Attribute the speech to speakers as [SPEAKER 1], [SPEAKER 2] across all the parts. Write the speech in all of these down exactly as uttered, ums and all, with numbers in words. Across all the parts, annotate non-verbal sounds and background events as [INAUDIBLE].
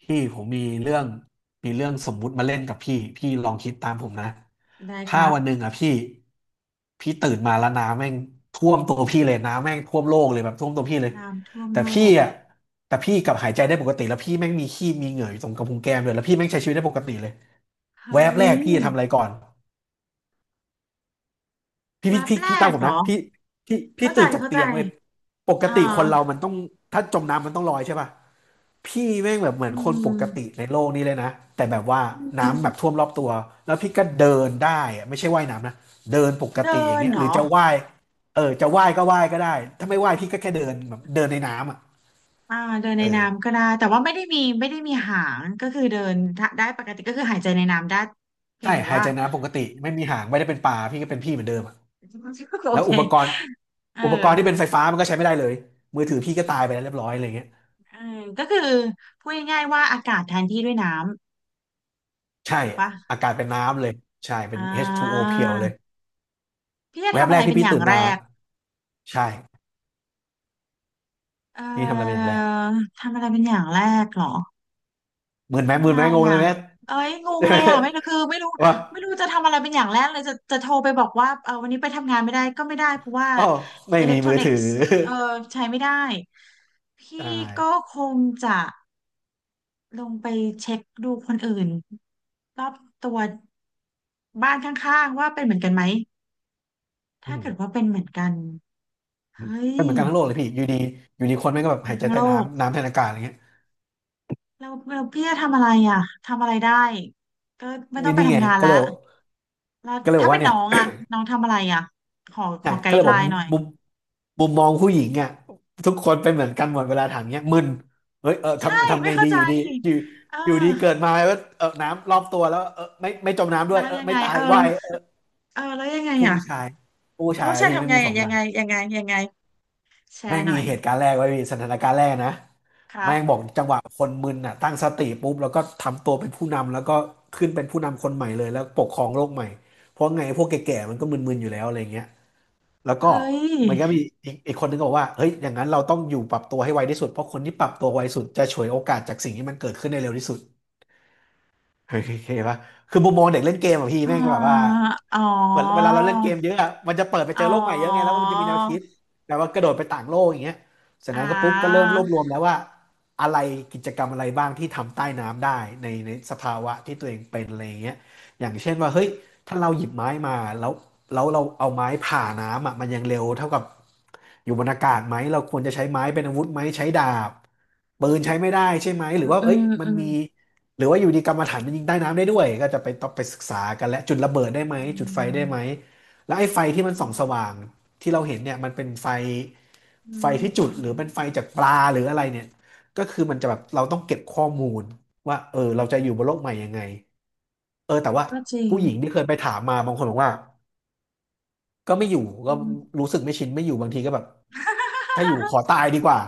[SPEAKER 1] พี่ผมมีเรื่องมีเรื่องสมมุติมาเล่นกับพี่พี่ลองคิดตามผมนะ
[SPEAKER 2] ได้ค
[SPEAKER 1] ถ้า
[SPEAKER 2] รับ
[SPEAKER 1] วันหนึ่งอ่ะพี่พี่ตื่นมาแล้วน้ำแม่งท่วมตัวพี่เลยน้ำแม่งท่วมโลกเลยแบบท่วมตัวพี่เลย
[SPEAKER 2] น้ำท่วม
[SPEAKER 1] แต่
[SPEAKER 2] โล
[SPEAKER 1] พี่
[SPEAKER 2] ก
[SPEAKER 1] อ่ะแต่พี่กลับหายใจได้ปกติแล้วพี่แม่งมีขี้มีเหงื่ออยู่ตรงกระพุ้งแก้มเลยแล้วพี่แม่งใช้ชีวิตได้ปกติเลย
[SPEAKER 2] เฮ้
[SPEAKER 1] แวบแรก
[SPEAKER 2] ย
[SPEAKER 1] พี่จะทำอะไรก่อน พี่
[SPEAKER 2] แว
[SPEAKER 1] พี่
[SPEAKER 2] บ
[SPEAKER 1] พี่
[SPEAKER 2] แร
[SPEAKER 1] พี่ตาม
[SPEAKER 2] ก
[SPEAKER 1] ผม
[SPEAKER 2] เหรอ
[SPEAKER 1] นะพี่พี่พี่
[SPEAKER 2] เข้าใจ
[SPEAKER 1] ตื่นจาก
[SPEAKER 2] เข้าใจ
[SPEAKER 1] เตียงเว้ยปก
[SPEAKER 2] อ่
[SPEAKER 1] ติคนเรา
[SPEAKER 2] า
[SPEAKER 1] มันต้องถ้าจมน้ำมันต้องลอยใช่ป่ะพี่แม่งแบบเหมือ
[SPEAKER 2] อื
[SPEAKER 1] นคนปกติ
[SPEAKER 2] ม
[SPEAKER 1] ในโลกนี้เลยนะแต่แบบว่า
[SPEAKER 2] อืม
[SPEAKER 1] น้ำแบบท่วมรอบตัวแล้วพี่ก็เดินได้อะไม่ใช่ว่ายน้ำนะเดินปกติ
[SPEAKER 2] เดิ
[SPEAKER 1] อย่าง
[SPEAKER 2] น
[SPEAKER 1] เงี้ย
[SPEAKER 2] เหร
[SPEAKER 1] หรือ
[SPEAKER 2] อ
[SPEAKER 1] จะว่ายเออจะว่ายก็ว่ายก็ได้ถ้าไม่ว่ายพี่ก็แค่เดินแบบเดินในน้ำอ่ะ
[SPEAKER 2] อ่าเดิน
[SPEAKER 1] เอ
[SPEAKER 2] ในน้ำ
[SPEAKER 1] อ
[SPEAKER 2] ก็ได้แต่ว่าไม่ได้มีไม่ได้มีหางก็คือเดินถ้าได้ปกติก็คือหายใจในน้ำได้เพีย
[SPEAKER 1] ใช่
[SPEAKER 2] งแต่
[SPEAKER 1] หาย
[SPEAKER 2] ว่า
[SPEAKER 1] ใจน้ำปกติไม่มีหางไม่ได้เป็นปลาพี่ก็เป็นพี่เหมือนเดิมอะ
[SPEAKER 2] โอ
[SPEAKER 1] แล้ว
[SPEAKER 2] เค
[SPEAKER 1] อุปกรณ์
[SPEAKER 2] เ
[SPEAKER 1] อุปกรณ์ที่เป็น
[SPEAKER 2] ออ
[SPEAKER 1] ไฟฟ้ามันก็ใช้ไม่ได้เลยมือถือพี่ก็ตายไปแล้วเรียบร้อยอะไรเงี้ย
[SPEAKER 2] เออก็คือพูดง่ายๆว่าอากาศแทนที่ด้วยน้
[SPEAKER 1] ใช่
[SPEAKER 2] ำถูกปะ
[SPEAKER 1] อากาศเป็นน้ำเลยใช่เป็
[SPEAKER 2] อ่
[SPEAKER 1] น เอช ทู โอ
[SPEAKER 2] า
[SPEAKER 1] เพียวเลย
[SPEAKER 2] พี่จะ
[SPEAKER 1] แวบ
[SPEAKER 2] ทำ
[SPEAKER 1] แร
[SPEAKER 2] อะไร
[SPEAKER 1] กที่
[SPEAKER 2] เป็น
[SPEAKER 1] พี่
[SPEAKER 2] อย่าง
[SPEAKER 1] ตื่น
[SPEAKER 2] แร
[SPEAKER 1] มา
[SPEAKER 2] ก
[SPEAKER 1] ใช่
[SPEAKER 2] เอ่
[SPEAKER 1] พี่ทำอะไรเป็นอย่า
[SPEAKER 2] อ
[SPEAKER 1] งแรก
[SPEAKER 2] ทำอะไรเป็นอย่างแรกเหรอ
[SPEAKER 1] หมืนไหม
[SPEAKER 2] ทำ
[SPEAKER 1] ห
[SPEAKER 2] อะ
[SPEAKER 1] มื
[SPEAKER 2] ไร
[SPEAKER 1] นไหมงงเล
[SPEAKER 2] อ่ะ
[SPEAKER 1] ยไหม [LAUGHS]
[SPEAKER 2] เอ้ยงงเลยอ่ะไม่รู้คือไม่รู้
[SPEAKER 1] ว่า
[SPEAKER 2] ไม่รู้จะทำอะไรเป็นอย่างแรกเลยจะจะโทรไปบอกว่าเออวันนี้ไปทำงานไม่ได้ก็ไม่ได้เพราะว่า
[SPEAKER 1] อ๋อไม่
[SPEAKER 2] อิเล็
[SPEAKER 1] มี
[SPEAKER 2] กทรอ
[SPEAKER 1] มือ
[SPEAKER 2] นิก
[SPEAKER 1] ถือ
[SPEAKER 2] ส์เออ
[SPEAKER 1] [LAUGHS]
[SPEAKER 2] ใช้ไม่ได้พ
[SPEAKER 1] ใช
[SPEAKER 2] ี่ก็
[SPEAKER 1] ่
[SPEAKER 2] คงจะลงไปเช็คดูคนอื่นรอบตัวบ้านข้างๆว่าเป็นเหมือนกันไหม
[SPEAKER 1] อื
[SPEAKER 2] ถ้าเกิด
[SPEAKER 1] ม
[SPEAKER 2] ว่าเป็นเหมือนกันเฮ้ย
[SPEAKER 1] เป็นเหมือนกันทั้งโลกเลยพี่อยู่ดีอยู่ดีคนแม่งก็แบบหายใจ
[SPEAKER 2] ทั้ง
[SPEAKER 1] ใต้
[SPEAKER 2] โลก
[SPEAKER 1] น้ำน้ำแทนอากาศอะไรเงี้ย
[SPEAKER 2] แล้วแล้วพี่จะทำอะไรอ่ะทำอะไรได้ก็ไม่ต้อ
[SPEAKER 1] นี่
[SPEAKER 2] งไป
[SPEAKER 1] นี่ไง
[SPEAKER 2] ทำงาน
[SPEAKER 1] ก็
[SPEAKER 2] ละ
[SPEAKER 1] เลยบอก
[SPEAKER 2] แล้ว
[SPEAKER 1] ก็เลยบอ
[SPEAKER 2] ถ้า
[SPEAKER 1] ก
[SPEAKER 2] เป็
[SPEAKER 1] ว่า
[SPEAKER 2] น
[SPEAKER 1] เนี่
[SPEAKER 2] น้
[SPEAKER 1] ย
[SPEAKER 2] องอะน้องทำอะไรอะขอข
[SPEAKER 1] อ่ะ
[SPEAKER 2] อไก
[SPEAKER 1] ก็เล
[SPEAKER 2] ด์
[SPEAKER 1] ย
[SPEAKER 2] ไล
[SPEAKER 1] บอก
[SPEAKER 2] น์หน่อย
[SPEAKER 1] มุมมุมมองผู้หญิงอ่ะทุกคนเป็นเหมือนกันหมดเวลาถามเงี้ยมึนเฮ้ยเออ
[SPEAKER 2] ใช่
[SPEAKER 1] ทำทำ
[SPEAKER 2] ไม่
[SPEAKER 1] ไง
[SPEAKER 2] เข้า
[SPEAKER 1] ดี
[SPEAKER 2] ใจ
[SPEAKER 1] อยู่ดีอยู่
[SPEAKER 2] เออ
[SPEAKER 1] อยู่ดีเกิดมาแล้วาเออน้ำรอบตัวแล้วเออไม่ไม่จมน้ำด้
[SPEAKER 2] แล้
[SPEAKER 1] วย
[SPEAKER 2] ว
[SPEAKER 1] เออ
[SPEAKER 2] ยัง
[SPEAKER 1] ไม่
[SPEAKER 2] ไง
[SPEAKER 1] ตา
[SPEAKER 2] เอ
[SPEAKER 1] ย
[SPEAKER 2] อ
[SPEAKER 1] ว่ายเออ
[SPEAKER 2] เออแล้วยังไง
[SPEAKER 1] ผู้
[SPEAKER 2] อะ
[SPEAKER 1] ชายผู้ชา
[SPEAKER 2] ผู้
[SPEAKER 1] ย
[SPEAKER 2] ชาย
[SPEAKER 1] พี่ไม่
[SPEAKER 2] ทำ
[SPEAKER 1] ง
[SPEAKER 2] ไง
[SPEAKER 1] มีส
[SPEAKER 2] อะ
[SPEAKER 1] องอ
[SPEAKER 2] ยัง
[SPEAKER 1] ย่าง
[SPEAKER 2] ไงยังไงยังไงแช
[SPEAKER 1] แม่ง
[SPEAKER 2] ร์ห
[SPEAKER 1] มี
[SPEAKER 2] น่อย
[SPEAKER 1] เหตุการณ์แรกไว้พี่สถานการณ์แรกนะ
[SPEAKER 2] ครั
[SPEAKER 1] แม่งบอก
[SPEAKER 2] บ
[SPEAKER 1] จังหวะคนมึนอ่ะตั้งสติปุ๊บแล้วก็ทำตัวเป็นผู้นำแล้วก็ขึ้นเป็นผู้นำคนใหม่เลยแล้วปกครองโลกใหม่เพราะไงพวกแก่ๆมันก็มึนๆอยู่แล้วอะไรเงี้ย แล้วก็
[SPEAKER 2] เฮ้ย
[SPEAKER 1] มันก็มีอีกอีกคนนึงก็บอกว่าเฮ้ยอย่างนั้นเราต้องอยู่ปรับตัวให้ไวที่สุดเพราะคนที่ปรับตัวไวสุดจะฉวยโอกาสจากสิ่งที่มันเกิดขึ้นได้เร็วที่สุดเฮ้ยเฮปะคือมุมมองเด็กเล่นเกมอะพี่
[SPEAKER 2] อ๋
[SPEAKER 1] แม่งก็แบบว่า
[SPEAKER 2] ออ๋อ
[SPEAKER 1] เหมือนเวลาเราเล่นเกมเยอะอะมันจะเปิดไปเจ
[SPEAKER 2] อ๋อ
[SPEAKER 1] อโลกใหม่เยอะไงแล้วมันจะมีแนวคิดแต่ว่ากระโดดไปต่างโลกอย่างเงี้ยเสร็จ
[SPEAKER 2] อ่
[SPEAKER 1] นั้นก็ปุ๊บก็เริ่ม
[SPEAKER 2] า
[SPEAKER 1] รวบรวมแล้วว่าอะไรกิจกรรมอะไรบ้างที่ทำใต้น้ำได้ในในสภาวะที่ตัวเองเป็นอะไรอย่างเงี้ยอย่างเช่นว่าเฮ้ยถ้าเราหยิบไม้มาแล้วแล้วเราเอาไม้ผ่าน้ำอะมันยังเร็วเท่ากับอยู่บนอากาศไหมเราควรจะใช้ไม้เป็นอาวุธไหมใช้ดาบปืนใช้ไม่ได้ใช่ไหมหรือว่า
[SPEAKER 2] อื
[SPEAKER 1] เอ้
[SPEAKER 2] ม
[SPEAKER 1] ยมั
[SPEAKER 2] อื
[SPEAKER 1] น
[SPEAKER 2] ม
[SPEAKER 1] มี หรือว่าอยู่ดีกรรมฐานมันยิงใต้น้ำได้ด้วยก็จะไปต้องไปศึกษากันและจุดระเบิดได้ไหม
[SPEAKER 2] อื
[SPEAKER 1] จุดไฟได้ไหม
[SPEAKER 2] ม
[SPEAKER 1] แล้วไอ้ไฟที่มันส่องสว่างที่เราเห็นเนี่ยมันเป็นไฟ
[SPEAKER 2] อื
[SPEAKER 1] ไฟที่จุด
[SPEAKER 2] ม
[SPEAKER 1] หรือเป็นไฟจากปลาหรืออะไรเนี่ยก็คื
[SPEAKER 2] อื
[SPEAKER 1] อมันจะแบบ
[SPEAKER 2] ม
[SPEAKER 1] เราต้องเก็บข้อมูลว่าเออเราจะอยู่บนโลกใหม่ยังไงเออแต่ว่า
[SPEAKER 2] ก็จริง
[SPEAKER 1] ผู้หญิงที่เคยไปถามมาบางคนบอกว่าก็ไม่อยู่
[SPEAKER 2] อื
[SPEAKER 1] ก็
[SPEAKER 2] ม
[SPEAKER 1] รู้สึกไม่ชินไม่อยู่บางทีก็แบบถ้าอยู่ขอ
[SPEAKER 2] [LAUGHS]
[SPEAKER 1] ตายดีกว่า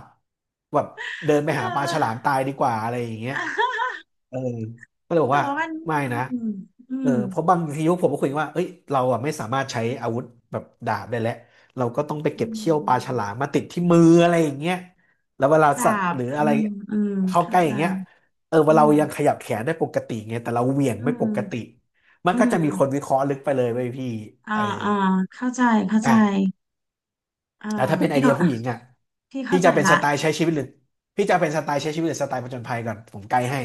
[SPEAKER 1] แบบเดินไป
[SPEAKER 2] เอ
[SPEAKER 1] หาปลาฉลาม
[SPEAKER 2] อ
[SPEAKER 1] ตายดีกว่าอะไรอย่างเงี้ย
[SPEAKER 2] [LAUGHS]
[SPEAKER 1] เออก็เลยบอก
[SPEAKER 2] แต่
[SPEAKER 1] ว่า
[SPEAKER 2] ว่ามัน
[SPEAKER 1] ไม่
[SPEAKER 2] อื
[SPEAKER 1] นะ
[SPEAKER 2] มอื
[SPEAKER 1] เออ
[SPEAKER 2] ม
[SPEAKER 1] เพราะบางทียุคผมก็คุยกันว่าเอ้ยเราอ่ะไม่สามารถใช้อาวุธแบบดาบได้แล้วเราก็ต้องไป
[SPEAKER 2] อื
[SPEAKER 1] เก็บเขี้ยวปลาฉลา
[SPEAKER 2] ม
[SPEAKER 1] มมาติดที่มืออะไรอย่างเงี้ยแล้วเวลา
[SPEAKER 2] ดา
[SPEAKER 1] สัตว์
[SPEAKER 2] บ
[SPEAKER 1] หรือ
[SPEAKER 2] อื
[SPEAKER 1] อะไร
[SPEAKER 2] มอืม
[SPEAKER 1] เข้าใก
[SPEAKER 2] เข้า
[SPEAKER 1] ล้
[SPEAKER 2] ใจ
[SPEAKER 1] อย่างเงี้ยเออว่า
[SPEAKER 2] อื
[SPEAKER 1] เรา
[SPEAKER 2] ม
[SPEAKER 1] ยังขยับแขนได้ปกติไงแต่เราเหวี่ยง
[SPEAKER 2] อื
[SPEAKER 1] ไม่ป
[SPEAKER 2] ม
[SPEAKER 1] กติมัน
[SPEAKER 2] อื
[SPEAKER 1] ก็จะมีคน
[SPEAKER 2] ม
[SPEAKER 1] วิเคราะห์ลึกไปเลยเว้ยพี่
[SPEAKER 2] อ่า
[SPEAKER 1] เออ
[SPEAKER 2] อ่าเข้าใจ เข้าใจ
[SPEAKER 1] อ่ะ
[SPEAKER 2] เอ่อ
[SPEAKER 1] แต่ถ้าเป็นไอ
[SPEAKER 2] พี่
[SPEAKER 1] เดี
[SPEAKER 2] ก็
[SPEAKER 1] ยผู้หญิงอ่ะ
[SPEAKER 2] พี่เข้า
[SPEAKER 1] พี่
[SPEAKER 2] ใจ
[SPEAKER 1] จะเป็นส
[SPEAKER 2] ละ
[SPEAKER 1] ไตล์ใช้ชีวิตหรือพี่จะเป็นสไตล์ใช้ชีวิตหรือสไตล์ผจญภัยก่อนผมไกด์ให้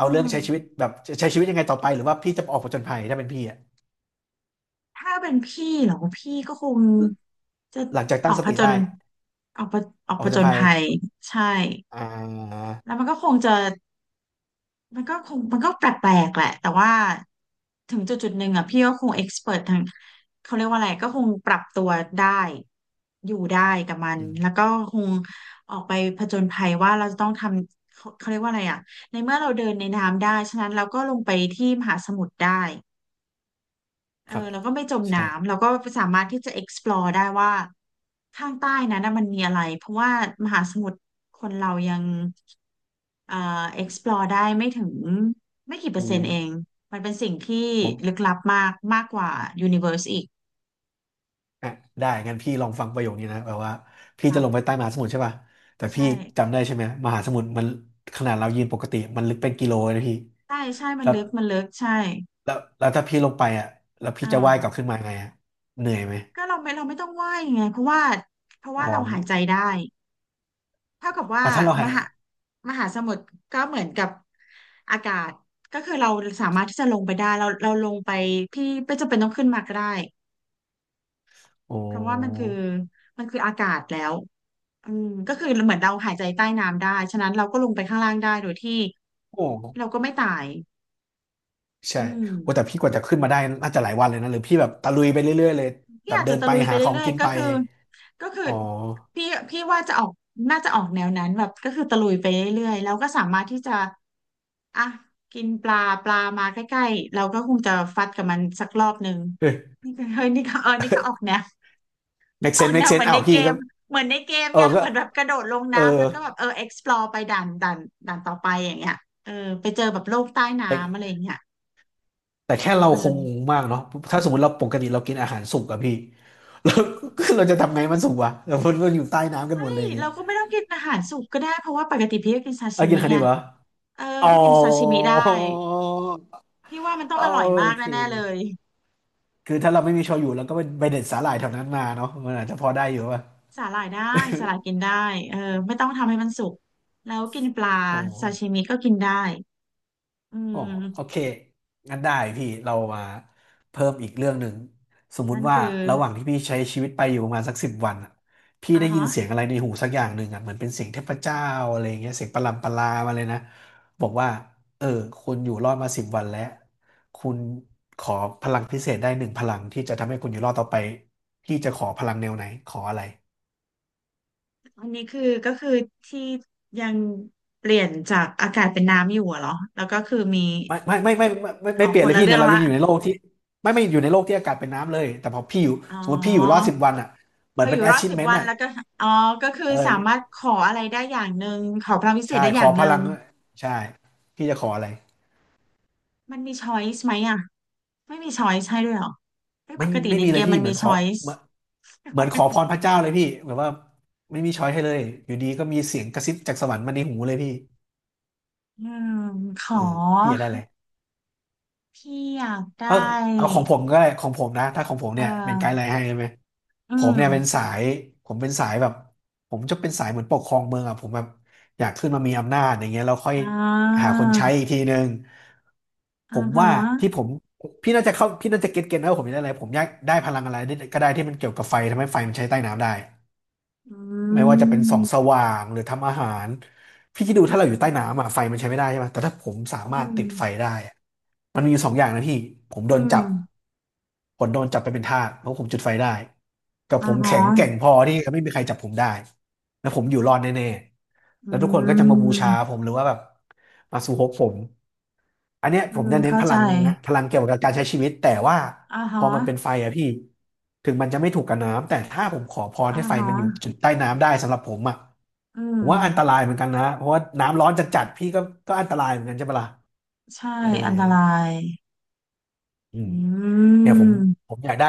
[SPEAKER 2] อื
[SPEAKER 1] อาเรื่อง
[SPEAKER 2] ม
[SPEAKER 1] ใช้ชีวิตแบบใช้ชีวิตยังไงต่อไปหรือว่าพี่จะออกผจญภัยถ้าเป็นพี่อะ
[SPEAKER 2] ถ้าเป็นพี่เหรอ พี่ก็คงจะ
[SPEAKER 1] หลังจาก
[SPEAKER 2] อ
[SPEAKER 1] ตั้
[SPEAKER 2] อ
[SPEAKER 1] ง
[SPEAKER 2] ก
[SPEAKER 1] ส
[SPEAKER 2] ผ
[SPEAKER 1] ติ
[SPEAKER 2] จญ
[SPEAKER 1] ได้
[SPEAKER 2] ออกผออก
[SPEAKER 1] ออก
[SPEAKER 2] ผ
[SPEAKER 1] ผ
[SPEAKER 2] จ
[SPEAKER 1] จญ
[SPEAKER 2] ญ
[SPEAKER 1] ภัย
[SPEAKER 2] ภัยใช่
[SPEAKER 1] อ่า
[SPEAKER 2] แล้วมันก็คงจะ มันก็คงมันก็แปลกๆแหละแต่ว่าถึงจุดจุดหนึ่งอ่ะพี่ก็คงเอ็กซ์เพรททางเขาเรียกว่าอะไรก็คงปรับตัวได้อยู่ได้กับมัน
[SPEAKER 1] อื
[SPEAKER 2] แล้ว
[SPEAKER 1] ม
[SPEAKER 2] ก็คงออกไปผจญภัยว่าเราจะต้องทำเขาเขาเรียกว่าอะไรอ่ะในเมื่อเราเดินในน้ำได้ฉะนั้นเราก็ลงไปที่มหาสมุทรได้ เอ
[SPEAKER 1] ค
[SPEAKER 2] อ
[SPEAKER 1] รับ
[SPEAKER 2] เราก็ไม่จมน้ำ
[SPEAKER 1] ใช่
[SPEAKER 2] เราก็สามารถที่จะ explore ได้ว่าข้างใต้นั้นนะมันมีอะไรเพราะว่ามหาสมุทรคนเรายังเอ่อ explore ได้ไม่ถึงไม่กี่เปอ
[SPEAKER 1] อู
[SPEAKER 2] ร์เซ็นต์เองมันเป็นสิ่งที่
[SPEAKER 1] ผ
[SPEAKER 2] ลึก
[SPEAKER 1] ม
[SPEAKER 2] ลับมากมากกว่า universe อีก
[SPEAKER 1] อ่ะได้งั้นพี่ลองฟังประโยคนี้นะแบบว่า
[SPEAKER 2] ค
[SPEAKER 1] พี่จะ
[SPEAKER 2] รั
[SPEAKER 1] ลงไป
[SPEAKER 2] บ
[SPEAKER 1] ใต้มหาสมุทรใช่ป่ะแต่
[SPEAKER 2] ใช่
[SPEAKER 1] พี่จำได้ใช่ไหมมหาสมุทรมันขนาดเรายืนปกติมันลึกเป็นกิโลเลยนะพี่
[SPEAKER 2] ใช่ใช่มัน
[SPEAKER 1] แล้ว
[SPEAKER 2] ลึกมันลึกใช่
[SPEAKER 1] แล้วแล้วถ้าพี่ลงไปอ่ะแล้วพี่
[SPEAKER 2] อ่า
[SPEAKER 1] จะว่ายกลับขึ้นมาไงอ่ะเหนื่อยไหม
[SPEAKER 2] ก็เราไม่เราไม่ต้องว่ายไงเพราะว่าเพราะว่า
[SPEAKER 1] อ๋อ
[SPEAKER 2] เราหายใจได้ เท่ากับว่า
[SPEAKER 1] อ่ะถ้าเรา
[SPEAKER 2] ม
[SPEAKER 1] หาย
[SPEAKER 2] หามหาสมุทรก็เหมือนกับอากาศก็คือเราสามารถที่จะลงไปได้เราเราลงไปพี่ไม่จำเป็นต้องขึ้นมาก็ได้
[SPEAKER 1] โอ้
[SPEAKER 2] เพราะว่ามันคือมันคืออากาศแล้วอืมก็คือเหมือนเราหายใจใต้น้ำได้ฉะนั้นเราก็ลงไปข้างล่างได้โดยที่
[SPEAKER 1] โห
[SPEAKER 2] เราก็ไม่ตาย
[SPEAKER 1] ใช่
[SPEAKER 2] อืม
[SPEAKER 1] โอ้แต่พี่กว่าจะขึ้นมาได้น่าจะหลายวันเลยนะหรือพี่แบบตะลุยไปเรื่อยๆเลย
[SPEAKER 2] พี่
[SPEAKER 1] แบบ
[SPEAKER 2] อาจ
[SPEAKER 1] เดิ
[SPEAKER 2] จะ
[SPEAKER 1] น
[SPEAKER 2] ตะ
[SPEAKER 1] ไป
[SPEAKER 2] ลุยไป
[SPEAKER 1] หาของ
[SPEAKER 2] เรื่อย
[SPEAKER 1] กิน
[SPEAKER 2] ๆก็
[SPEAKER 1] ไป
[SPEAKER 2] คือก็คือ
[SPEAKER 1] อ๋อ
[SPEAKER 2] พี่พี่ว่าจะออกน่าจะออกแนวนั้นแบบก็คือตะลุยไปเรื่อยๆแล้วก็สามารถที่จะอ่ะกินปลาปลามาใกล้ๆเราก็คงจะฟัดกับมันสักรอบหนึ่ง
[SPEAKER 1] เอ้ย
[SPEAKER 2] นี่ก็เฮ้ยนี่ก็เออนี่ก็ออกแนว
[SPEAKER 1] make
[SPEAKER 2] ออก
[SPEAKER 1] sense
[SPEAKER 2] แน
[SPEAKER 1] make
[SPEAKER 2] วเหมื
[SPEAKER 1] sense
[SPEAKER 2] อน
[SPEAKER 1] อ้า
[SPEAKER 2] ใน
[SPEAKER 1] ว
[SPEAKER 2] เก
[SPEAKER 1] พี่
[SPEAKER 2] ม
[SPEAKER 1] ก็
[SPEAKER 2] เหมือนในเกม
[SPEAKER 1] เออ
[SPEAKER 2] ไง
[SPEAKER 1] ก็
[SPEAKER 2] เหมือนแบบกระโดดลง
[SPEAKER 1] เออ
[SPEAKER 2] น้ำแล้วก็แบบเออ explore ไปด่านด่านด่านต่อไปอย่างเงี้ยเออไปเจอแบบโลกใต้
[SPEAKER 1] แต่
[SPEAKER 2] น้ำอะไรอย่างเงี้ย
[SPEAKER 1] แต่
[SPEAKER 2] เออ
[SPEAKER 1] แค่เรา
[SPEAKER 2] เพราะ
[SPEAKER 1] ค
[SPEAKER 2] นั
[SPEAKER 1] ง
[SPEAKER 2] น
[SPEAKER 1] งงมากเนาะถ้าสมมติเราปกติเรากินอาหารสุกอะพี่ [LAUGHS] เราเราจะทำไงมันสุกวะเรามันมันอยู่ใต้น้ำกัน
[SPEAKER 2] เฮ้
[SPEAKER 1] หมดเล
[SPEAKER 2] ย
[SPEAKER 1] ยอย่างเงี้ย
[SPEAKER 2] เราก็ไม่ต้องกินอาหารสุกก็ได้เพราะว่าปกติพี่ก็กินซา
[SPEAKER 1] เอา
[SPEAKER 2] ชิ
[SPEAKER 1] กิน
[SPEAKER 2] มิ
[SPEAKER 1] คั
[SPEAKER 2] ไง
[SPEAKER 1] นิบเหรอ
[SPEAKER 2] เออ
[SPEAKER 1] อ๋อ
[SPEAKER 2] พี่กินซาชิมิได้พี่ว่ามันต้อ
[SPEAKER 1] โอ
[SPEAKER 2] งอร่อยมาก
[SPEAKER 1] เค
[SPEAKER 2] แน่ๆเลย
[SPEAKER 1] คือถ้าเราไม่มีโชยุเราก็ไปเด็ดสาหร่ายแถวนั้นมาเนาะมันอาจจะพอได้อยู่ป่ะ
[SPEAKER 2] สาหร่ายได้สาหร่ายกินได้เออไม่ต้องทำให้มันสุกแล้วกินปลา
[SPEAKER 1] อ๋อ
[SPEAKER 2] ซาชิมิก็กินได้อื
[SPEAKER 1] โอ้โอ
[SPEAKER 2] ม
[SPEAKER 1] เคงั้นได้พี่เรามาเพิ่มอีกเรื่องหนึ่งสมมุ
[SPEAKER 2] นั่น
[SPEAKER 1] ติว่า
[SPEAKER 2] คือ
[SPEAKER 1] ระหว่างที่พี่ใช้ชีวิตไปอยู่ประมาณสักสิบวันอะพี่
[SPEAKER 2] อ่า
[SPEAKER 1] ได้ยิ
[SPEAKER 2] ฮะ
[SPEAKER 1] นเสียงอะไรในหูสักอย่างหนึ่งอ่ะเหมือนเป็นเสียงเทพเจ้าอะไรอย่างเงี้ยเสียงประหลำประลามาเลยนะบอกว่าเออคุณอยู่รอดมาสิบวันแล้วคุณขอพลังพิเศษได้หนึ่งพลังที่จะทำให้คุณอยู่รอดต่อไปพี่จะขอพลังแนวไหนขออะไร
[SPEAKER 2] อันนี้คือก็คือที่ยังเปลี่ยนจากอากาศเป็นน้ำอยู่อะเหรอแล้วก็คือมี
[SPEAKER 1] ไม่ไม่ไม่ไม่ไม่ไม่ไม่
[SPEAKER 2] เอา
[SPEAKER 1] เปลี่
[SPEAKER 2] ค
[SPEAKER 1] ยน
[SPEAKER 2] น
[SPEAKER 1] เลย
[SPEAKER 2] ละ
[SPEAKER 1] พี่
[SPEAKER 2] เรื่
[SPEAKER 1] เนี่
[SPEAKER 2] อ
[SPEAKER 1] ย
[SPEAKER 2] ง
[SPEAKER 1] เรา
[SPEAKER 2] ละ
[SPEAKER 1] ยังอยู่ในโลกที่ไม่ไม่อยู่ในโลกที่อากาศเป็นน้ำเลยแต่พอพี่อยู่
[SPEAKER 2] อ๋
[SPEAKER 1] สมมติพี่อยู่รอ
[SPEAKER 2] อ
[SPEAKER 1] ดสิบวันอ่ะเห
[SPEAKER 2] พ
[SPEAKER 1] มือ
[SPEAKER 2] อ
[SPEAKER 1] น
[SPEAKER 2] อ
[SPEAKER 1] เป็น
[SPEAKER 2] ยู่รอดสิบ
[SPEAKER 1] achievement
[SPEAKER 2] วัน
[SPEAKER 1] อ่ะ
[SPEAKER 2] แล้วก็อ๋อก็คือ
[SPEAKER 1] เออ
[SPEAKER 2] สามารถขออะไรได้อย่างหนึ่งขอพลังวิเศ
[SPEAKER 1] ใช่
[SPEAKER 2] ษได้
[SPEAKER 1] ข
[SPEAKER 2] อ
[SPEAKER 1] อ
[SPEAKER 2] ย่าง
[SPEAKER 1] พ
[SPEAKER 2] หนึ่
[SPEAKER 1] ลั
[SPEAKER 2] ง
[SPEAKER 1] งใช่พี่จะขออะไร
[SPEAKER 2] มันมีช้อยส์ไหมอะ ไม่มีช้อยส์ใช่ด้วยเหรอไม่
[SPEAKER 1] ไม่
[SPEAKER 2] ปกติ
[SPEAKER 1] ไม่
[SPEAKER 2] ใน
[SPEAKER 1] มี
[SPEAKER 2] เก
[SPEAKER 1] เลย
[SPEAKER 2] ม
[SPEAKER 1] พี่
[SPEAKER 2] มัน
[SPEAKER 1] เหมื
[SPEAKER 2] มี
[SPEAKER 1] อนขอ
[SPEAKER 2] ช้อย
[SPEAKER 1] เห
[SPEAKER 2] ส์
[SPEAKER 1] มือนเหมือน
[SPEAKER 2] [LAUGHS]
[SPEAKER 1] ขอพรพระเจ้าเลยพี่แบบว่าไม่มีช้อยให้เลยอยู่ดีก็มีเสียงกระซิบจากสวรรค์มาในหูเลยพี่
[SPEAKER 2] อืมข
[SPEAKER 1] เอ
[SPEAKER 2] อ
[SPEAKER 1] อพี่อยากได้อะไร
[SPEAKER 2] พี่อยากได้
[SPEAKER 1] เอาเอาของผมก็ได้ของผมนะถ้าของผม
[SPEAKER 2] เอ่
[SPEAKER 1] เนี่ยเป็นไกด์
[SPEAKER 2] อ
[SPEAKER 1] ไลน์ให้ใช่ไหม
[SPEAKER 2] อื
[SPEAKER 1] ผม
[SPEAKER 2] ม
[SPEAKER 1] เนี่ยเป็นสายผมเป็นสายแบบผมจะเป็นสายเหมือนปกครองเมืองอ่ะผมแบบอยากขึ้นมามีอำนาจอย่างเงี้ยเราค่อย
[SPEAKER 2] อ่
[SPEAKER 1] หา
[SPEAKER 2] า
[SPEAKER 1] คนใช้อีกทีนึงผ
[SPEAKER 2] อ่า
[SPEAKER 1] ม
[SPEAKER 2] ฮะ
[SPEAKER 1] ว่าที่ผมพี่น่าจะเข้าพี่น่าจะเก็ตเก็ตนะว่าผมอยากได้อะไรผมอยากได้พลังอะไรก็ได้ที่มันเกี่ยวกับไฟทำให้ไฟมันใช้ใต้น้ำได้
[SPEAKER 2] อื
[SPEAKER 1] ไม่ว่าจะเป็นส่องส
[SPEAKER 2] ม
[SPEAKER 1] ว่างหรือทำอาหารพี่คิดดู
[SPEAKER 2] อื
[SPEAKER 1] ถ้า
[SPEAKER 2] ม
[SPEAKER 1] เราอยู่ใต้น้ำอะไฟมันใช้ไม่ได้ใช่ไหมแต่ถ้าผมสามา
[SPEAKER 2] อื
[SPEAKER 1] รถ
[SPEAKER 2] ม
[SPEAKER 1] ติดไฟได้อะมันมีอยู่สองอย่างนะพี่ผมโด
[SPEAKER 2] อื
[SPEAKER 1] น
[SPEAKER 2] ม
[SPEAKER 1] จับผมโดนจับไปเป็นทาสเพราะผมจุดไฟได้กับ
[SPEAKER 2] อ่า
[SPEAKER 1] ผม
[SPEAKER 2] ฮะ
[SPEAKER 1] แข็งแกร่งพอที่ไม่มีใครจับผมได้แล้วผมอยู่รอดแน่ๆ
[SPEAKER 2] อื
[SPEAKER 1] แล้วทุกคนก็จะมาบูชา
[SPEAKER 2] ม
[SPEAKER 1] ผมหรือว่าแบบมาสู่ฮกผม อันเนี้ย
[SPEAKER 2] อื
[SPEAKER 1] ผม
[SPEAKER 2] ม
[SPEAKER 1] จะเน้น
[SPEAKER 2] เข้า
[SPEAKER 1] พ
[SPEAKER 2] ใจ
[SPEAKER 1] ลังนะพลังเกี่ยวกับการใช้ชีวิตแต่ว่า
[SPEAKER 2] อ่า
[SPEAKER 1] พ
[SPEAKER 2] ฮะ
[SPEAKER 1] อมันเป็นไฟอะพี่ถึงมันจะไม่ถูกกับน้ำแต่ถ้าผมขอพร
[SPEAKER 2] อ่า
[SPEAKER 1] ให้ไฟ
[SPEAKER 2] ฮะ
[SPEAKER 1] มันอยู่จุดใต้น้ำได้สำหรับผมอะ
[SPEAKER 2] อืม
[SPEAKER 1] ผมว่าอันตรายเหมือนกันนะเพราะว่าน้ำร้อนจัดๆพี่ก็ก็อันตรายเหมือนกันใช่ปะล่ะ
[SPEAKER 2] ใช่
[SPEAKER 1] เออ
[SPEAKER 2] อันตราย
[SPEAKER 1] อืม
[SPEAKER 2] อื
[SPEAKER 1] เนี่ยผมผ
[SPEAKER 2] ม
[SPEAKER 1] มอยากได้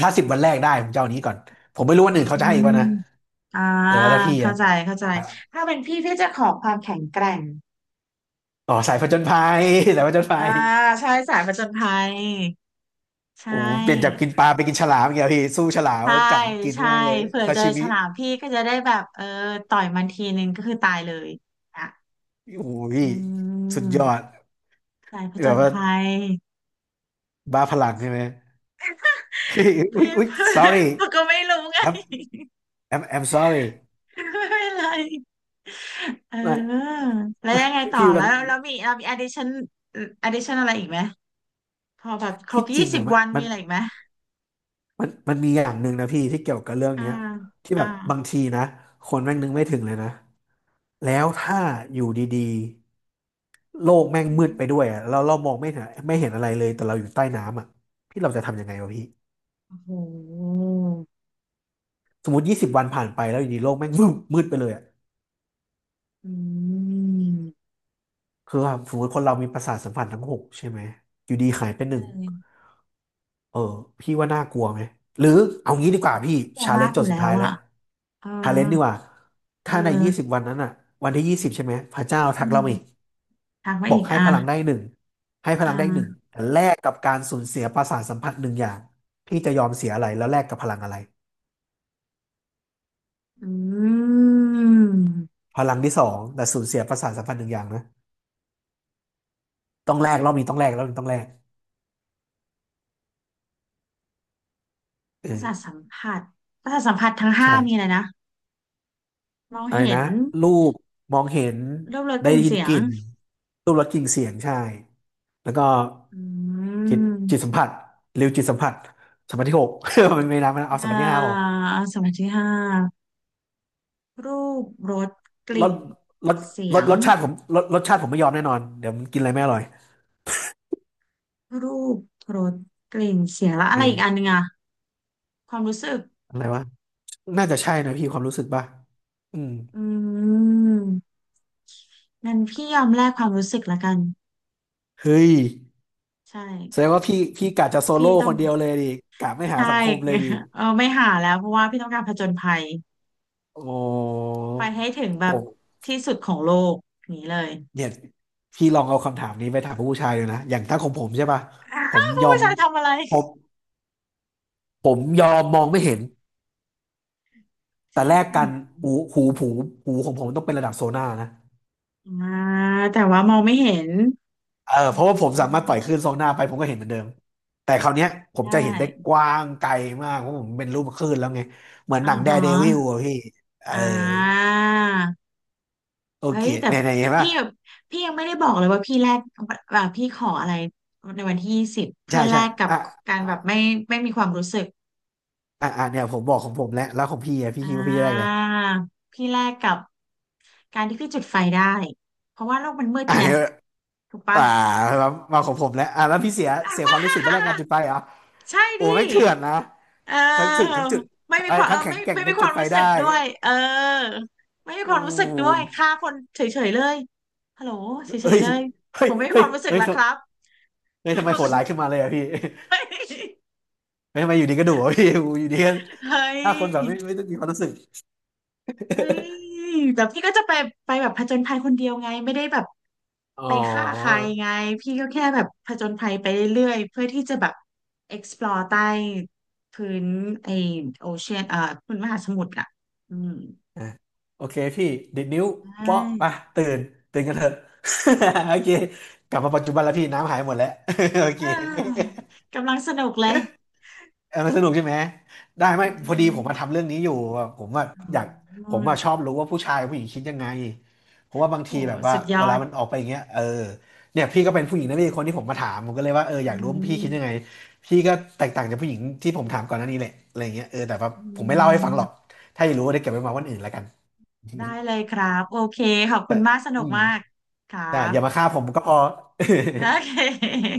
[SPEAKER 1] ถ้าสิบวันแรกได้ผมจะเอาอันนี้ก่อนผมไม่รู้วันอื่น
[SPEAKER 2] อื
[SPEAKER 1] เขาจะให้อีก
[SPEAKER 2] ม
[SPEAKER 1] ป่ะนะ
[SPEAKER 2] อ่า
[SPEAKER 1] เออแล้วถ้าพี่
[SPEAKER 2] เข้า
[SPEAKER 1] อะ
[SPEAKER 2] ใจเข้าใจถ้าเป็นพี่พี่จะขอความแข็งแกร่ง
[SPEAKER 1] อ๋อสายผจญภัย [LAUGHS] สายผจญภั
[SPEAKER 2] อ่า
[SPEAKER 1] ย
[SPEAKER 2] ใช่สายผจญภัยใช
[SPEAKER 1] โอ้โหเปลี่ยนจาก
[SPEAKER 2] ่
[SPEAKER 1] กินปลาไปกินฉลามอย่างเงี้ยพี่สู้ฉลาม
[SPEAKER 2] ใช่
[SPEAKER 1] จับมันกิน
[SPEAKER 2] ใช่
[SPEAKER 1] ง่ายเลย
[SPEAKER 2] เผื่อ
[SPEAKER 1] ซา
[SPEAKER 2] เจอ
[SPEAKER 1] ชิ
[SPEAKER 2] ฉ
[SPEAKER 1] มิ
[SPEAKER 2] ลามพี่ก็จะได้แบบเออต่อยมันทีนึงก็คือตายเลยอ่ะ
[SPEAKER 1] โอ้ย
[SPEAKER 2] อื
[SPEAKER 1] สุดยอด
[SPEAKER 2] มสายผจ
[SPEAKER 1] แบบ
[SPEAKER 2] ญ
[SPEAKER 1] ว่า
[SPEAKER 2] ภัย
[SPEAKER 1] บ้าพลังใช่ไหมเฮ้ย [LAUGHS] อุ้
[SPEAKER 2] เพื่
[SPEAKER 1] ย
[SPEAKER 2] อน
[SPEAKER 1] อุ้
[SPEAKER 2] [LAUGHS]
[SPEAKER 1] ย
[SPEAKER 2] เพื่อ
[SPEAKER 1] sorry
[SPEAKER 2] นเขาก็ไม่รู้ไง
[SPEAKER 1] I'm I'm I'm sorry
[SPEAKER 2] ไม่เป็นไรเ
[SPEAKER 1] ไม่
[SPEAKER 2] ออแล้วยังไงต่อ
[SPEAKER 1] พี่มั
[SPEAKER 2] แล้
[SPEAKER 1] น
[SPEAKER 2] วแล้วมีเรามี addition addition อะไรอีกไหมพอแบบคร
[SPEAKER 1] ที่
[SPEAKER 2] บ
[SPEAKER 1] จ
[SPEAKER 2] ยี่
[SPEAKER 1] ริง
[SPEAKER 2] สิบ
[SPEAKER 1] อะมัน
[SPEAKER 2] วัน
[SPEAKER 1] มั
[SPEAKER 2] มี
[SPEAKER 1] น
[SPEAKER 2] อะไรอีกไหม
[SPEAKER 1] มันมันมีอย่างหนึ่งนะพี่ที่เกี่ยวกับเรื่อง
[SPEAKER 2] อ่า
[SPEAKER 1] เนี้ยที่
[SPEAKER 2] อ่า
[SPEAKER 1] แบบบางทีนะคนแม่งนึกไม่ถึงเลยนะแล้วถ้าอยู่ดีๆโลกแม่งมืดไปด้วยอะแล้วเรามองไม่เห็นไม่เห็นอะไรเลยแต่เราอยู่ใต้น้ำอะพี่เราจะทำยังไงวะพี่
[SPEAKER 2] โอ้โห
[SPEAKER 1] สมมติยี่สิบวันผ่านไปแล้วอยู่ดีโลกแม่ง [LAUGHS] มืดมืดไปเลยอะ
[SPEAKER 2] อืม
[SPEAKER 1] คือแบบสมมติคนเรามีประสาทสัมผัสทั้งหกใช่ไหมอยู่ดีหายไปห
[SPEAKER 2] เอ
[SPEAKER 1] นึ่ง
[SPEAKER 2] อ
[SPEAKER 1] เออพี่ว่าน่ากลัวไหมหรือเอางี้ดีกว่าพี่
[SPEAKER 2] น่ากลัว
[SPEAKER 1] ชาเล
[SPEAKER 2] มาก
[SPEAKER 1] นจ์
[SPEAKER 2] อ
[SPEAKER 1] จ
[SPEAKER 2] ยู่
[SPEAKER 1] ดสุ
[SPEAKER 2] แล้
[SPEAKER 1] ด
[SPEAKER 2] ว
[SPEAKER 1] ท้ายแล้ว
[SPEAKER 2] อ่ะเออ
[SPEAKER 1] ชาเลนจ์ดีกว่า
[SPEAKER 2] เอ
[SPEAKER 1] ถ้าในยี่สิ
[SPEAKER 2] อ
[SPEAKER 1] บวันนั้นอ่ะวันที่ยี่สิบใช่ไหมพระเจ้าทั
[SPEAKER 2] อื
[SPEAKER 1] กเรามาอีก
[SPEAKER 2] มทักมา
[SPEAKER 1] บอ
[SPEAKER 2] อี
[SPEAKER 1] ก
[SPEAKER 2] ก
[SPEAKER 1] ให้
[SPEAKER 2] อ่ะ
[SPEAKER 1] พลังได้หนึ่งให้พลังได้หนึ่ง
[SPEAKER 2] อ่า
[SPEAKER 1] แต่แลกกับการสูญเสียประสาทสัมผัสหนึ่งอย่างพี่จะยอมเสียอะไรแล้วแลกกับพลังอะไร
[SPEAKER 2] อืม
[SPEAKER 1] พลังที่สองแต่สูญเสียประสาทสัมผัสหนึ่งอย่างนะต้องแลกรอบนี้ต้องแลกรอบนี้ต้องแลกเออ
[SPEAKER 2] ประสาทสัมผัสประสาทสัมผัสทั้งห้ามีอะ
[SPEAKER 1] ใช่
[SPEAKER 2] ไรนะมอง
[SPEAKER 1] อะไร
[SPEAKER 2] เห็
[SPEAKER 1] นะ
[SPEAKER 2] น
[SPEAKER 1] รูปมองเห็น
[SPEAKER 2] รูปรสก
[SPEAKER 1] ได้
[SPEAKER 2] ลิ่น
[SPEAKER 1] ยิน
[SPEAKER 2] เสีย
[SPEAKER 1] ก
[SPEAKER 2] ง
[SPEAKER 1] ลิ่นรูปรสกลิ่นเสียงใช่แล้วก็
[SPEAKER 2] อื
[SPEAKER 1] จิตจิตสัม
[SPEAKER 2] ม
[SPEAKER 1] ผัสริวจิตสัมผัสสัมผัสที่หก [LAUGHS] มันไม่นับไม่นะเอาสั
[SPEAKER 2] อ่
[SPEAKER 1] มผัสที่ห้าพอ
[SPEAKER 2] าสัมผัสที่ห้ารูปรสก
[SPEAKER 1] ร
[SPEAKER 2] ลิ่
[SPEAKER 1] ส
[SPEAKER 2] น
[SPEAKER 1] รส
[SPEAKER 2] เสีย
[SPEAKER 1] รส
[SPEAKER 2] ง
[SPEAKER 1] รสชาติผมรสรสชาติผมไม่ยอมแน่นอนเดี๋ยวมันกินอะไรไม่อร่อย
[SPEAKER 2] รูปรสกลิ่นเสียงแล้วอะ
[SPEAKER 1] เอ
[SPEAKER 2] ไร
[SPEAKER 1] อ
[SPEAKER 2] อีกอันหนึงอ่ะความรู้สึก
[SPEAKER 1] อะไรวะน่าจะใช่นะพี่ความรู้สึกป่ะอืม
[SPEAKER 2] อืมงั้นพี่ยอมแลกความรู้สึกละกัน
[SPEAKER 1] เฮ้ย
[SPEAKER 2] ใช่
[SPEAKER 1] แสดงว่าพี่พี่กะจะโซ
[SPEAKER 2] พี่
[SPEAKER 1] โล่
[SPEAKER 2] ต้อ
[SPEAKER 1] ค
[SPEAKER 2] ง
[SPEAKER 1] นเดียวเลยดิกะไม่หา
[SPEAKER 2] ใช่
[SPEAKER 1] สังคมเลยดิ
[SPEAKER 2] [LAUGHS] เออไม่หาแล้วเพราะว่าพี่ต้องการผจญภัย
[SPEAKER 1] โอ้
[SPEAKER 2] ไปให้ถึงแบบ
[SPEAKER 1] โห
[SPEAKER 2] ที่สุดของโลกอย่างนี้เลย
[SPEAKER 1] เนี่ยพี่ลองเอาคำถามนี้ไปถามผู้ชายเลยนะอย่างถ้าของผมใช่ป่ะ
[SPEAKER 2] [LAUGHS] อ้า
[SPEAKER 1] ผม
[SPEAKER 2] ว
[SPEAKER 1] ยอ
[SPEAKER 2] ผู้
[SPEAKER 1] ม
[SPEAKER 2] ชายทำอะไร
[SPEAKER 1] ผมผมยอมมองไม่เห็น
[SPEAKER 2] จ
[SPEAKER 1] แต่
[SPEAKER 2] ริ
[SPEAKER 1] แล
[SPEAKER 2] ง
[SPEAKER 1] กกันหูหูผูหูของผมต้องเป็นระดับโซน่านะ
[SPEAKER 2] อ่าแต่ว่ามองไม่เห็น
[SPEAKER 1] เออ
[SPEAKER 2] อื
[SPEAKER 1] เพราะว่าผมสามารถปล่อ
[SPEAKER 2] ม
[SPEAKER 1] ยคลื่นโซน่าไปผมก็เห็นเหมือนเดิมแต่คราวเนี้ยผ
[SPEAKER 2] ได
[SPEAKER 1] มจะเห็นได้
[SPEAKER 2] ้
[SPEAKER 1] กว้างไกลมากเพราะผมเป็นรูปคลื่นแล้วไงเหมือนห
[SPEAKER 2] อ่า
[SPEAKER 1] นังแด
[SPEAKER 2] ฮะ
[SPEAKER 1] ร์เดวิลอะพี่เออ
[SPEAKER 2] อ่า
[SPEAKER 1] โอ
[SPEAKER 2] เฮ้
[SPEAKER 1] เค
[SPEAKER 2] ยแต่
[SPEAKER 1] เนี่ยเนี่ยเห็นป่ะ
[SPEAKER 2] พี่พี่ยังไม่ได้บอกเลยว่าพี่แลกว่าพี่ขออะไรในวันที่ยี่สิบเพื่
[SPEAKER 1] ใช่
[SPEAKER 2] อแล
[SPEAKER 1] ใช่
[SPEAKER 2] กกับ
[SPEAKER 1] อ่ะ
[SPEAKER 2] การ
[SPEAKER 1] อ่ะ
[SPEAKER 2] แบบไม่ไม่มีความรู้สึก
[SPEAKER 1] อ่ะอ่ะเนี่ยผมบอกของผมแล้วแล้วของพี่อะพี่
[SPEAKER 2] อ่า
[SPEAKER 1] คิดว่าพี่จะได้อะไร
[SPEAKER 2] พี่แลกกับการที่พี่จุดไฟได้เพราะว่าโลกมันมืด
[SPEAKER 1] อ่ะ
[SPEAKER 2] ไงถูกปะ
[SPEAKER 1] อ่ามามาของผมแล้วอ่าแล้วพี่เสียเสียความ
[SPEAKER 2] [LAUGHS]
[SPEAKER 1] รู้สึกไปแรกงานจุดไฟเหรอ
[SPEAKER 2] ใช่
[SPEAKER 1] โอ้
[SPEAKER 2] ดิ
[SPEAKER 1] ไม่งเถื่อนนะ
[SPEAKER 2] เ
[SPEAKER 1] ทั้งถึกทั้
[SPEAKER 2] ออ
[SPEAKER 1] งจุด
[SPEAKER 2] ไม่มี
[SPEAKER 1] เอ้
[SPEAKER 2] ค
[SPEAKER 1] ย
[SPEAKER 2] วามเอ
[SPEAKER 1] ทั้ง
[SPEAKER 2] อ
[SPEAKER 1] แข็ง
[SPEAKER 2] ไม่
[SPEAKER 1] แกร่ง
[SPEAKER 2] ไม่
[SPEAKER 1] ทั้
[SPEAKER 2] มี
[SPEAKER 1] ง
[SPEAKER 2] ค
[SPEAKER 1] จุ
[SPEAKER 2] วา
[SPEAKER 1] ด
[SPEAKER 2] ม
[SPEAKER 1] ไฟ
[SPEAKER 2] รู้
[SPEAKER 1] ได้
[SPEAKER 2] สึกด้วยเออไม่มีควา
[SPEAKER 1] อู้
[SPEAKER 2] มรู้สึกด้วยฆ่าคนเฉยๆเลยฮัลโหลเฉ
[SPEAKER 1] เอ้
[SPEAKER 2] ย
[SPEAKER 1] ย
[SPEAKER 2] ๆเลย
[SPEAKER 1] เฮ้
[SPEAKER 2] ผ
[SPEAKER 1] ย
[SPEAKER 2] มไม่มี
[SPEAKER 1] เฮ้
[SPEAKER 2] ค
[SPEAKER 1] ย
[SPEAKER 2] วามรู้สึก
[SPEAKER 1] เฮ้ย
[SPEAKER 2] แล้ว
[SPEAKER 1] ท
[SPEAKER 2] ครับ
[SPEAKER 1] ำเฮ้ยทำไม
[SPEAKER 2] เฮ้
[SPEAKER 1] โหดร้ายขึ้นมาเลยอะพี่
[SPEAKER 2] ย
[SPEAKER 1] เฮ้ยทำไมอยู่ดีก็ดุอะพี่อู้อยู่ดีก็
[SPEAKER 2] เฮ้ย
[SPEAKER 1] ถ้าคนแบบไม่ไม่ต้องมีความรู้สึก
[SPEAKER 2] เฮ้ยแบบพี่ก็จะไปไปแบบผจญภัยคนเดียวไงไม่ได้แบบ
[SPEAKER 1] [LAUGHS] อ๋
[SPEAKER 2] ไป
[SPEAKER 1] อ
[SPEAKER 2] ฆ่าใครไงพี่ก็แค่แบบผจญภัยไปเรื่อยๆเพื่อที่จะแบบ explore ใต้พื้นไอโอเชียนเอ่อพื้นมหาสมุทรอ่ะอืม
[SPEAKER 1] อ่ะโอเคพี่ดิดนิ้ว
[SPEAKER 2] ใช่
[SPEAKER 1] เปาะไปตื่นตื่นกันเถอะ [LAUGHS] โอเคกลับมาปัจจุบันแล้วพี่น้ำหายหมดแล้ว [LAUGHS] โอเค
[SPEAKER 2] เอ้ยกำลังสนุกเลย
[SPEAKER 1] เออมันสนุกใช่ไหมได้ไห
[SPEAKER 2] เ
[SPEAKER 1] มพอดีผม
[SPEAKER 2] ออ
[SPEAKER 1] มาทำเรื่องนี้อยู่อะผมว่า
[SPEAKER 2] อื
[SPEAKER 1] อยากผมว่าชอ
[SPEAKER 2] ม
[SPEAKER 1] บรู้ว่าผู้ชายผู้หญิงคิดยังไงเพราะว่าบาง
[SPEAKER 2] โห
[SPEAKER 1] ทีแบบว่า
[SPEAKER 2] สุดย
[SPEAKER 1] เว
[SPEAKER 2] อ
[SPEAKER 1] ลา
[SPEAKER 2] ด
[SPEAKER 1] มันออกไปอย่างเงี้ยเออเนี่ยพี่ก็เป็นผู้หญิงนะพี่คนที่ผมมาถามผมก็เลยว่าเอออ
[SPEAKER 2] อื
[SPEAKER 1] ยากรู้ว่าพี่คิดยังไง
[SPEAKER 2] ม
[SPEAKER 1] พี่ก็แตกต่างจากผู้หญิงที่ผมถามก่อนหน้านี้แหละอะไรอย่างเงี้ยเออแต่ว่า
[SPEAKER 2] อื
[SPEAKER 1] ผมไม่เล่าให้ฟังหรอก
[SPEAKER 2] ม
[SPEAKER 1] ถ้าอยากรู้ได้เก็บไว้มาวันอื่นแล้วกัน
[SPEAKER 2] ได้เลย
[SPEAKER 1] [LAUGHS]
[SPEAKER 2] ครับโอเคขอบคุ
[SPEAKER 1] แต่
[SPEAKER 2] ณมากสนุ
[SPEAKER 1] อื
[SPEAKER 2] ก
[SPEAKER 1] ม
[SPEAKER 2] มากครั
[SPEAKER 1] อ่ะอย่ามา
[SPEAKER 2] บ
[SPEAKER 1] ฆ่าผมก็พอ
[SPEAKER 2] โอเค